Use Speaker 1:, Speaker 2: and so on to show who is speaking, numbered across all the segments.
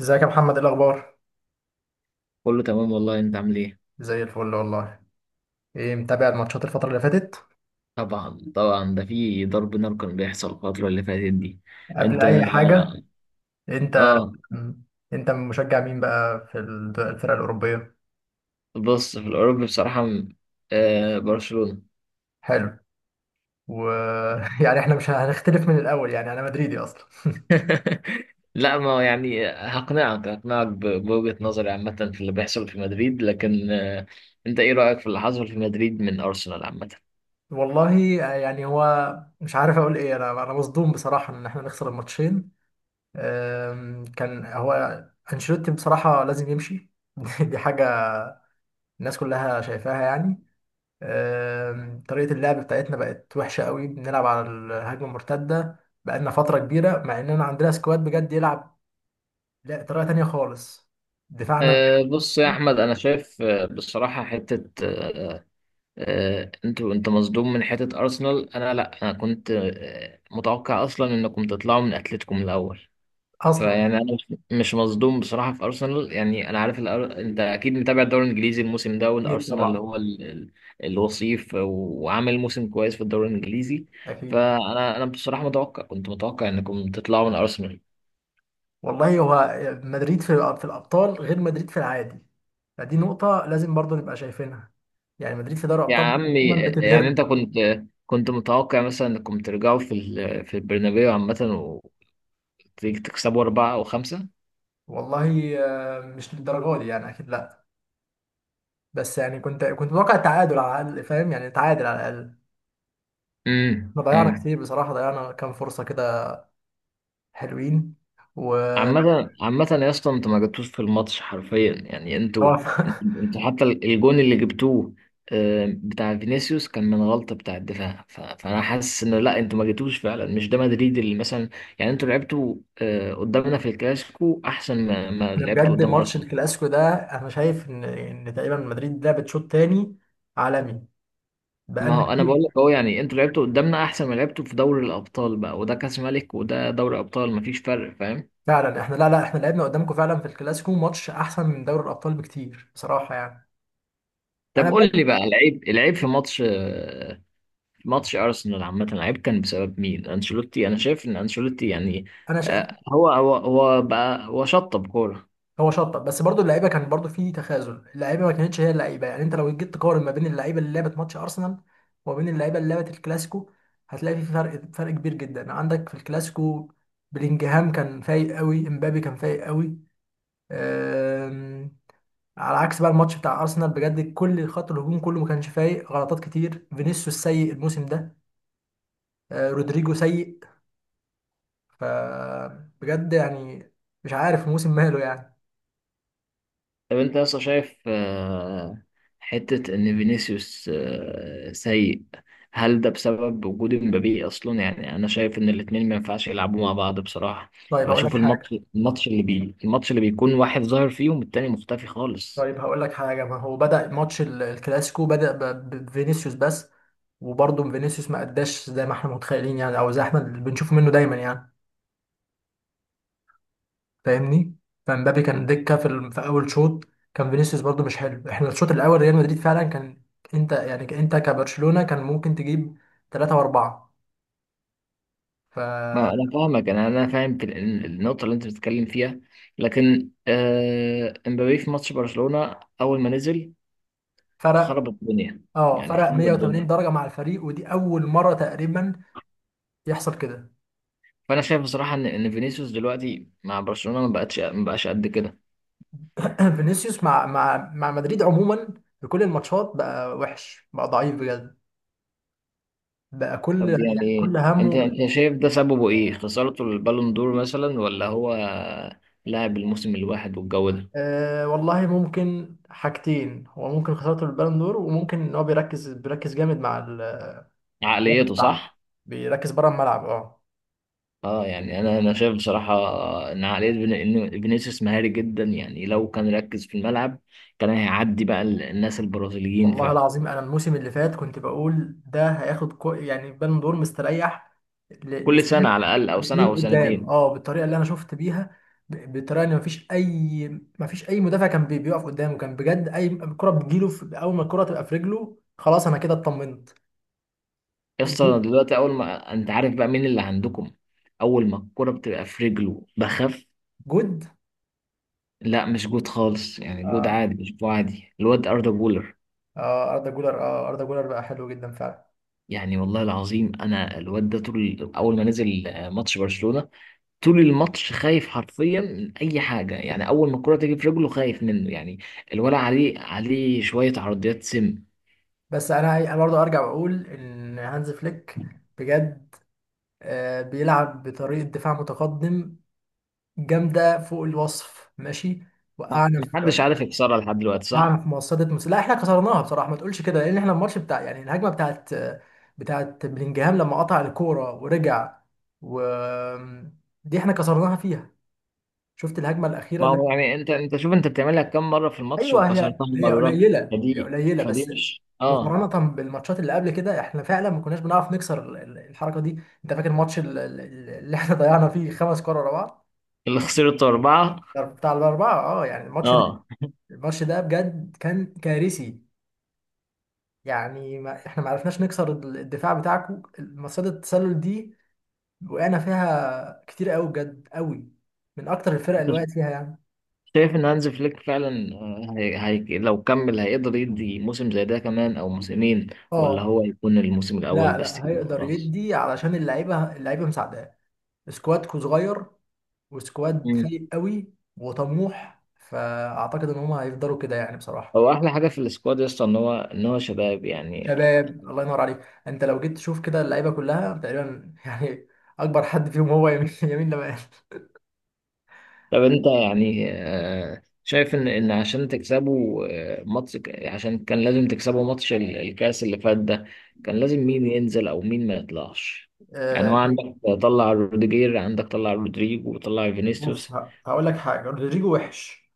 Speaker 1: ازيك يا محمد، ايه الاخبار؟
Speaker 2: كله تمام والله، انت عامل ايه؟
Speaker 1: زي الفل والله. ايه متابع الماتشات الفتره اللي فاتت؟
Speaker 2: طبعا، ده في ضرب نار كان بيحصل الفترة اللي فاتت دي.
Speaker 1: قبل
Speaker 2: انت؟
Speaker 1: اي حاجه، انت
Speaker 2: اه.
Speaker 1: انت مشجع مين بقى في الفرق الاوروبيه؟
Speaker 2: بص، في الاوروبي بصراحة برشلونة.
Speaker 1: حلو. ويعني احنا مش هنختلف من الاول، يعني انا مدريدي اصلا.
Speaker 2: لا ما يعني، هقنعك بوجهة نظري عامة في اللي بيحصل في مدريد، لكن انت ايه رأيك في اللي حصل في مدريد من ارسنال عامة؟
Speaker 1: والله، يعني هو مش عارف اقول ايه، انا مصدوم بصراحه ان احنا نخسر الماتشين. كان هو انشيلوتي بصراحه لازم يمشي. دي حاجه الناس كلها شايفاها يعني. طريقة اللعب بتاعتنا بقت وحشة قوي، بنلعب على الهجمة المرتدة بقالنا فترة كبيرة مع إننا عندنا سكواد بجد يلعب. لا، طريقة تانية خالص. دفاعنا
Speaker 2: بص يا احمد، انا شايف آه، بصراحة حتة آه، آه، انت مصدوم من حتة ارسنال، انا لا، انا كنت متوقع اصلا انكم تطلعوا من اتلتيكو من الاول.
Speaker 1: أصلا.
Speaker 2: فيعني انا مش مصدوم بصراحة في ارسنال، يعني انا عارف انت اكيد متابع الدوري الانجليزي الموسم ده،
Speaker 1: أكيد
Speaker 2: والارسنال اللي
Speaker 1: طبعا.
Speaker 2: هو الوصيف وعامل موسم كويس في الدوري الانجليزي.
Speaker 1: أكيد.
Speaker 2: فانا بصراحة كنت متوقع انكم تطلعوا من ارسنال.
Speaker 1: والله هو مدريد في الأبطال غير مدريد في العادي. فدي نقطة لازم برضو نبقى شايفينها، يعني مدريد في دوري
Speaker 2: يا
Speaker 1: الأبطال دايما
Speaker 2: عمي يعني
Speaker 1: بتبهرني.
Speaker 2: انت كنت متوقع مثلا انكم ترجعوا في البرنابيو عامة وتكسبوا 4 أو 5؟
Speaker 1: والله، مش للدرجة دي يعني، أكيد لا. بس يعني كنت متوقع التعادل على الأقل، فاهم يعني، تعادل على الأقل.
Speaker 2: امم،
Speaker 1: احنا ضيعنا
Speaker 2: امم.
Speaker 1: كتير بصراحة، ضيعنا كام فرصة كده حلوين. و
Speaker 2: عامة يا اسطى، انتوا ما جبتوش في الماتش حرفيا، يعني انتوا
Speaker 1: هو
Speaker 2: انتوا انتوا حتى الجون اللي جبتوه بتاع فينيسيوس كان من غلطة بتاع الدفاع، فانا حاسس انه لا، انتوا ما جبتوش فعلا، مش ده مدريد اللي مثلا يعني انتوا لعبتوا قدامنا في الكلاسيكو احسن ما
Speaker 1: احنا
Speaker 2: لعبتوا
Speaker 1: بجد
Speaker 2: قدام
Speaker 1: ماتش
Speaker 2: ارسنال.
Speaker 1: الكلاسيكو ده انا شايف ان تقريبا مدريد لعبت شوط تاني عالمي
Speaker 2: ما
Speaker 1: بقالنا
Speaker 2: هو انا بقول
Speaker 1: كتير.
Speaker 2: لك اهو، يعني انتوا لعبتوا قدامنا احسن ما لعبتوا في دوري الابطال بقى، وده كاس ملك وده دوري ابطال مفيش فرق، فاهم؟
Speaker 1: فعلا احنا، لا لا، احنا لعبنا قدامكم فعلا في الكلاسيكو ماتش احسن من دوري الابطال بكتير بصراحة يعني.
Speaker 2: طب
Speaker 1: انا بقى.
Speaker 2: قول لي بقى، العيب، العيب في ماتش ماتش ارسنال عامه العيب كان بسبب مين؟ انشيلوتي؟ انا شايف ان انشيلوتي يعني
Speaker 1: انا شا...
Speaker 2: هو شطب كوره.
Speaker 1: هو شطب، بس برضو اللعيبه كان برضو في تخاذل، اللعيبه ما كانتش هي اللعيبه. يعني انت لو جيت تقارن ما بين اللعيبه اللي لعبت ماتش ارسنال وما بين اللعيبه اللي لعبت الكلاسيكو هتلاقي في فرق كبير جدا عندك في الكلاسيكو. بلينجهام كان فايق قوي، امبابي كان فايق قوي. أم، على عكس بقى الماتش بتاع ارسنال بجد، كل خط الهجوم كله ما كانش فايق، غلطات كتير، فينيسيوس سيء الموسم ده. رودريجو سيء. فبجد يعني مش عارف الموسم ماله يعني.
Speaker 2: طب انت اصلا شايف حته ان فينيسيوس سيء؟ هل ده بسبب وجود مبابي اصلا؟ يعني انا شايف ان الاتنين ما ينفعش يلعبوا مع بعض بصراحه.
Speaker 1: طيب اقول لك
Speaker 2: بشوف
Speaker 1: حاجه،
Speaker 2: الماتش، الماتش اللي بي الماتش اللي بيكون واحد ظاهر فيهم التاني مختفي خالص.
Speaker 1: طيب هقول لك حاجة. ما هو بدأ ماتش الكلاسيكو بدأ بفينيسيوس بس. وبرضه فينيسيوس ما أداش زي ما احنا متخيلين يعني، أو زي احنا اللي بنشوفه منه دايما يعني، فاهمني. فمبابي كان دكة في أول شوط. كان فينيسيوس برضه مش حلو، احنا الشوط الأول ريال مدريد فعلا كان. أنت كبرشلونة كان ممكن تجيب ثلاثة وأربعة.
Speaker 2: ما
Speaker 1: ففرق.
Speaker 2: انا فاهمك، انا فاهم في النقطه اللي انت بتتكلم فيها، لكن امبابي في ماتش برشلونه اول ما نزل خرب الدنيا،
Speaker 1: اه،
Speaker 2: يعني
Speaker 1: فرق
Speaker 2: خرب
Speaker 1: 180
Speaker 2: الدنيا.
Speaker 1: درجة مع الفريق، ودي أول مرة تقريبا يحصل كده.
Speaker 2: فانا شايف بصراحه ان فينيسيوس دلوقتي مع برشلونه ما بقاش قد كده.
Speaker 1: فينيسيوس مع مدريد عموما في كل الماتشات بقى وحش، بقى ضعيف بجد. بقى كل،
Speaker 2: طب
Speaker 1: يعني كل
Speaker 2: يعني انت
Speaker 1: همه.
Speaker 2: انت شايف ده سببه ايه؟ خسارته البالون دور مثلا، ولا هو لاعب الموسم الواحد والجو ده؟
Speaker 1: والله ممكن حاجتين، هو ممكن خسارته البالون دور، وممكن ان هو بيركز جامد مع بره
Speaker 2: عقليته،
Speaker 1: الملعب.
Speaker 2: صح.
Speaker 1: بيركز بره الملعب، اه.
Speaker 2: اه، يعني انا شايف بصراحه ان عقليه إن فينيسيوس مهاري جدا، يعني لو كان ركز في الملعب كان هيعدي بقى الناس البرازيليين
Speaker 1: والله
Speaker 2: فعلا.
Speaker 1: العظيم انا الموسم اللي فات كنت بقول ده هياخد كو، يعني بالون دور مستريح
Speaker 2: كل سنه
Speaker 1: لسنين.
Speaker 2: على الاقل، او سنه
Speaker 1: لسنين
Speaker 2: او
Speaker 1: قدام،
Speaker 2: سنتين.
Speaker 1: اه، بالطريقه اللي انا شفت بيها، بالطريقه ان مفيش اي مدافع كان بيقف قدامه. كان بجد اي كره بتجيله، في اول ما الكره تبقى في رجله خلاص انا كده اطمنت.
Speaker 2: يسطا،
Speaker 1: الجو-
Speaker 2: دلوقتي اول ما انت عارف بقى مين اللي عندكم، اول ما الكره بتبقى في رجله بخف.
Speaker 1: جود.
Speaker 2: لا مش جود خالص، يعني جود
Speaker 1: اه
Speaker 2: عادي، مش جود عادي، الواد اردا جولر.
Speaker 1: اه، اردا جولر بقى حلو جدا فعلا.
Speaker 2: يعني والله العظيم، انا الواد ده طول، اول ما نزل ماتش برشلونه طول الماتش خايف حرفيا من اي حاجه، يعني اول ما الكره تيجي في رجله خايف منه يعني. الولع عليه شويه عرضيات، سم.
Speaker 1: بس انا برضه ارجع بقول ان هانز فليك بجد بيلعب بطريقة دفاع متقدم جامده فوق الوصف، ماشي. وقعنا
Speaker 2: محدش
Speaker 1: في
Speaker 2: عارف يكسرها لحد دلوقتي،
Speaker 1: وقعنا
Speaker 2: صح.
Speaker 1: في مصيده. لا احنا كسرناها بصراحه، ما تقولش كده، لان احنا الماتش بتاع، يعني الهجمه بتاعت بلينجهام لما قطع الكوره ورجع. و دي احنا كسرناها فيها. شفت الهجمه الاخيره
Speaker 2: ما
Speaker 1: اللي...
Speaker 2: هو يعني انت شوف، انت بتعملها كام مره في الماتش
Speaker 1: ايوه، هي
Speaker 2: وكسرتها
Speaker 1: هي
Speaker 2: مره؟
Speaker 1: قليله هي
Speaker 2: فدي،
Speaker 1: قليله
Speaker 2: فدي
Speaker 1: بس.
Speaker 2: مش اه.
Speaker 1: مقارنه بالماتشات اللي قبل كده احنا فعلا ما كناش بنعرف نكسر الحركه دي. انت فاكر الماتش اللي احنا ضيعنا فيه خمس كور ورا بعض،
Speaker 2: اللي خسرته 4؟
Speaker 1: بتاع الاربعه، اه. يعني الماتش ده
Speaker 2: اه.
Speaker 1: الماتش ده بجد كان كارثي. يعني ما احنا ما عرفناش نكسر الدفاع بتاعكم، مصيدة التسلل دي وقعنا فيها كتير قوي، بجد قوي، من اكتر الفرق اللي
Speaker 2: انت
Speaker 1: وقعت فيها يعني.
Speaker 2: شايف ان هانز فليك فعلا لو كمل هيقدر يدي موسم زي ده كمان او موسمين، ولا
Speaker 1: اه،
Speaker 2: هو يكون الموسم الاول
Speaker 1: لا
Speaker 2: بس؟
Speaker 1: لا، هيقدر
Speaker 2: خلاص.
Speaker 1: يدي، علشان اللعيبه مساعداه. سكوادكو صغير، وسكواد فايق قوي وطموح، فاعتقد ان هم هيفضلوا كده يعني بصراحه.
Speaker 2: هو احلى حاجه في السكواد يا اسطى ان هو، شباب يعني.
Speaker 1: شباب الله ينور عليك. انت لو جيت تشوف كده اللعيبه كلها تقريبا يعني، اكبر حد فيهم هو يمين يمين.
Speaker 2: طب انت يعني شايف ان عشان تكسبوا ماتش، عشان كان لازم تكسبوا ماتش الكاس اللي فات ده، كان لازم مين ينزل او مين ما يطلعش؟ يعني هو
Speaker 1: لمال.
Speaker 2: عندك طلع روديجير، عندك طلع رودريجو وطلع
Speaker 1: بص،
Speaker 2: فينيسيوس.
Speaker 1: هقول لك حاجه، رودريجو وحش،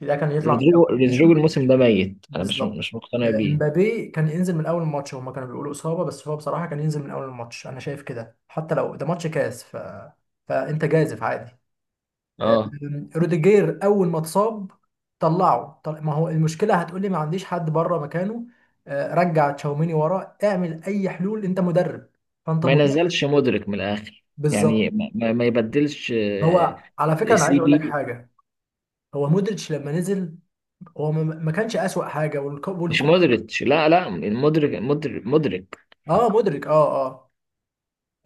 Speaker 1: ده كان يطلع من الاول،
Speaker 2: رودريجو
Speaker 1: ماشي.
Speaker 2: الموسم ده ميت، انا مش
Speaker 1: بالظبط.
Speaker 2: مش مقتنع بيه.
Speaker 1: امبابي كان ينزل من اول الماتش، هما كانوا بيقولوا اصابه، بس هو بصراحه كان ينزل من اول الماتش، انا شايف كده، حتى لو ده ماتش كاس. فانت جازف عادي. آه،
Speaker 2: اه.
Speaker 1: روديجير اول ما اتصاب طلعه، ما هو المشكله هتقولي ما عنديش حد بره مكانه. رجع تشاوميني وراه، اعمل اي حلول، انت مدرب، فانت
Speaker 2: ما
Speaker 1: مدرب،
Speaker 2: ينزلش مودريك من الاخر، يعني
Speaker 1: بالظبط.
Speaker 2: ما يبدلش
Speaker 1: هو على فكره انا عايز
Speaker 2: سي
Speaker 1: اقول لك
Speaker 2: بي.
Speaker 1: حاجه، هو مودريتش لما نزل هو ما كانش أسوأ حاجة
Speaker 2: مش
Speaker 1: والكرة،
Speaker 2: مودريتش، لا لا، المدرك، مدرك.
Speaker 1: اه، مدرك، اه اه.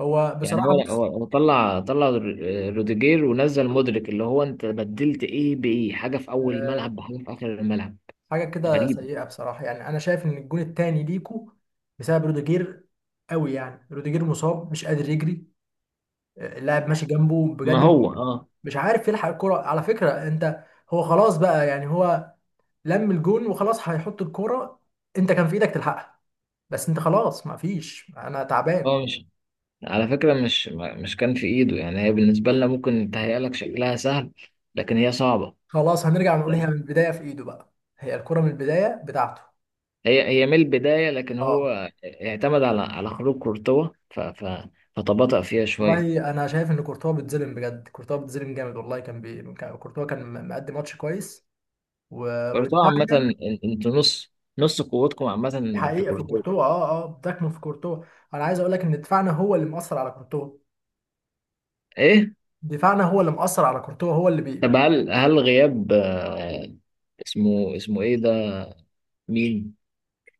Speaker 1: هو
Speaker 2: يعني
Speaker 1: بصراحة
Speaker 2: هو هو
Speaker 1: بص
Speaker 2: هو طلع روديجير ونزل مدرك، اللي هو انت بدلت ايه بايه؟ حاجه في اول الملعب
Speaker 1: آه
Speaker 2: بحاجه في اخر الملعب،
Speaker 1: حاجة كده
Speaker 2: غريب.
Speaker 1: سيئة بصراحة، يعني أنا شايف إن الجون التاني ليكو بسبب روديجير قوي. يعني روديجير مصاب مش قادر يجري. اللاعب ماشي جنبه
Speaker 2: ما
Speaker 1: بجد، مش
Speaker 2: هو اه،
Speaker 1: مش عارف يلحق الكرة، على فكرة أنت. هو خلاص بقى يعني، هو لم الجون وخلاص هيحط الكرة، أنت كان في إيدك تلحقها، بس أنت خلاص ما فيش، أنا تعبان.
Speaker 2: هو مش، على فكره، مش كان في ايده. يعني هي بالنسبه لنا ممكن تهيأ لك شكلها سهل، لكن هي صعبه.
Speaker 1: خلاص هنرجع نقول هي من البداية في إيده بقى، هي الكرة من البداية بتاعته.
Speaker 2: هي من البدايه، لكن
Speaker 1: اه،
Speaker 2: هو اعتمد على خروج كورتوا، ف ف فتباطأ فيها شويه.
Speaker 1: والله انا شايف ان كورتوا بيتظلم بجد، كورتوا بيتظلم جامد والله. كان كورتوا كان مقدم ماتش كويس و...
Speaker 2: كورتوا عامه،
Speaker 1: ودفاعنا.
Speaker 2: انتوا نص، نص قوتكم عامه في
Speaker 1: حقيقه في
Speaker 2: كورتوا.
Speaker 1: كورتوا، اه اه، بتكمن في كورتوا. انا عايز اقول لك ان دفاعنا هو اللي مأثر على كورتوا،
Speaker 2: ايه؟
Speaker 1: دفاعنا هو اللي مأثر على كورتوا، هو اللي
Speaker 2: طب هل غياب اسمه، ايه ده؟ مين؟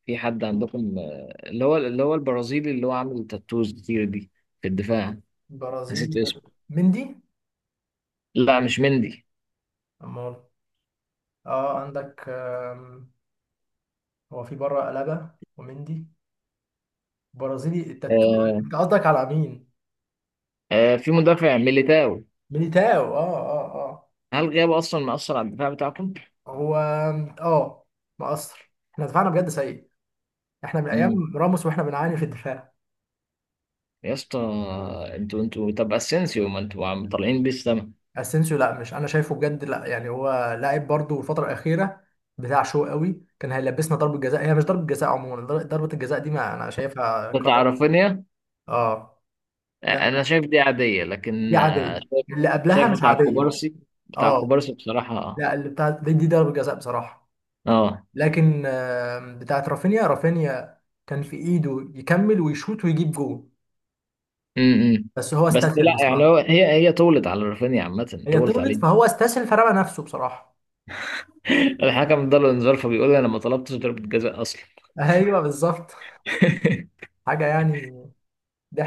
Speaker 2: في حد عندكم اللي هو البرازيلي اللي هو عامل تاتوز كتير دي في الدفاع، نسيت
Speaker 1: برازيل،
Speaker 2: اسمه.
Speaker 1: مندي.
Speaker 2: لا مش مندي.
Speaker 1: امال؟ اه، عندك. هو في بره ألابا ومندي. برازيلي التاتو.
Speaker 2: آه.
Speaker 1: انت قصدك على مين؟
Speaker 2: آه، في مدافع، ميليتاو.
Speaker 1: ميليتاو، اه اه اه.
Speaker 2: هل غيابه اصلا مأثر على الدفاع بتاعكم؟
Speaker 1: هو، اه، مقصر، احنا دفاعنا بجد سيء، احنا من
Speaker 2: امم.
Speaker 1: ايام راموس واحنا بنعاني في الدفاع.
Speaker 2: يا اسطى، انتوا طب اسينسيو، ما انتوا عم طالعين بيه السما.
Speaker 1: اسينسيو، لا، مش انا شايفه بجد، لا يعني هو لاعب برضه الفتره الاخيره بتاع شو قوي. كان هيلبسنا ضربه جزاء، هي مش ضربه جزاء عموما، ضربه الجزاء دي ما انا شايفها
Speaker 2: بتاع
Speaker 1: قرار.
Speaker 2: رافينيا،
Speaker 1: اه. لا لا،
Speaker 2: انا شايف دي عادية، لكن
Speaker 1: دي عاديه، اللي قبلها
Speaker 2: شايف
Speaker 1: مش
Speaker 2: بتاع
Speaker 1: عاديه.
Speaker 2: كوبارسي، بتاع
Speaker 1: اه
Speaker 2: كوبارسي بصراحة.
Speaker 1: لا، اللي بتاع دي، ضربه جزاء بصراحه.
Speaker 2: اه.
Speaker 1: لكن بتاعت رافينيا كان في ايده يكمل ويشوط ويجيب جول،
Speaker 2: امم.
Speaker 1: بس هو
Speaker 2: بس
Speaker 1: استسهل
Speaker 2: لا، يعني
Speaker 1: بصراحه.
Speaker 2: هو، هي طولت على رافينيا عامة،
Speaker 1: هي
Speaker 2: طولت
Speaker 1: طولت
Speaker 2: عليه.
Speaker 1: فهو استسهل فرمى نفسه بصراحه.
Speaker 2: الحكم اداله انذار فبيقول انا ما طلبتش ضربة جزاء اصلا.
Speaker 1: ايوه بالظبط. حاجه يعني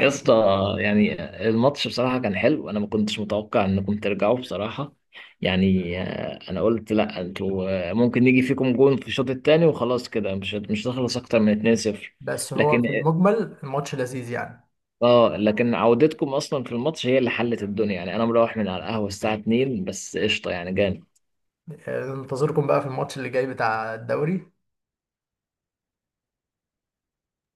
Speaker 2: يا اسطى،
Speaker 1: كده.
Speaker 2: يعني الماتش بصراحة كان حلو، انا ما كنتش متوقع انكم ترجعوا بصراحة، يعني انا قلت لا انتوا ممكن يجي فيكم جون في الشوط الثاني وخلاص، كده مش هتخلص اكتر من 2-0.
Speaker 1: بس هو
Speaker 2: لكن
Speaker 1: في
Speaker 2: اه.
Speaker 1: المجمل الماتش لذيذ يعني.
Speaker 2: لكن عودتكم اصلا في الماتش هي اللي حلت الدنيا، يعني انا مروح من على القهوة الساعة 2 بس، قشطة يعني جامد.
Speaker 1: ننتظركم بقى في الماتش اللي جاي بتاع الدوري.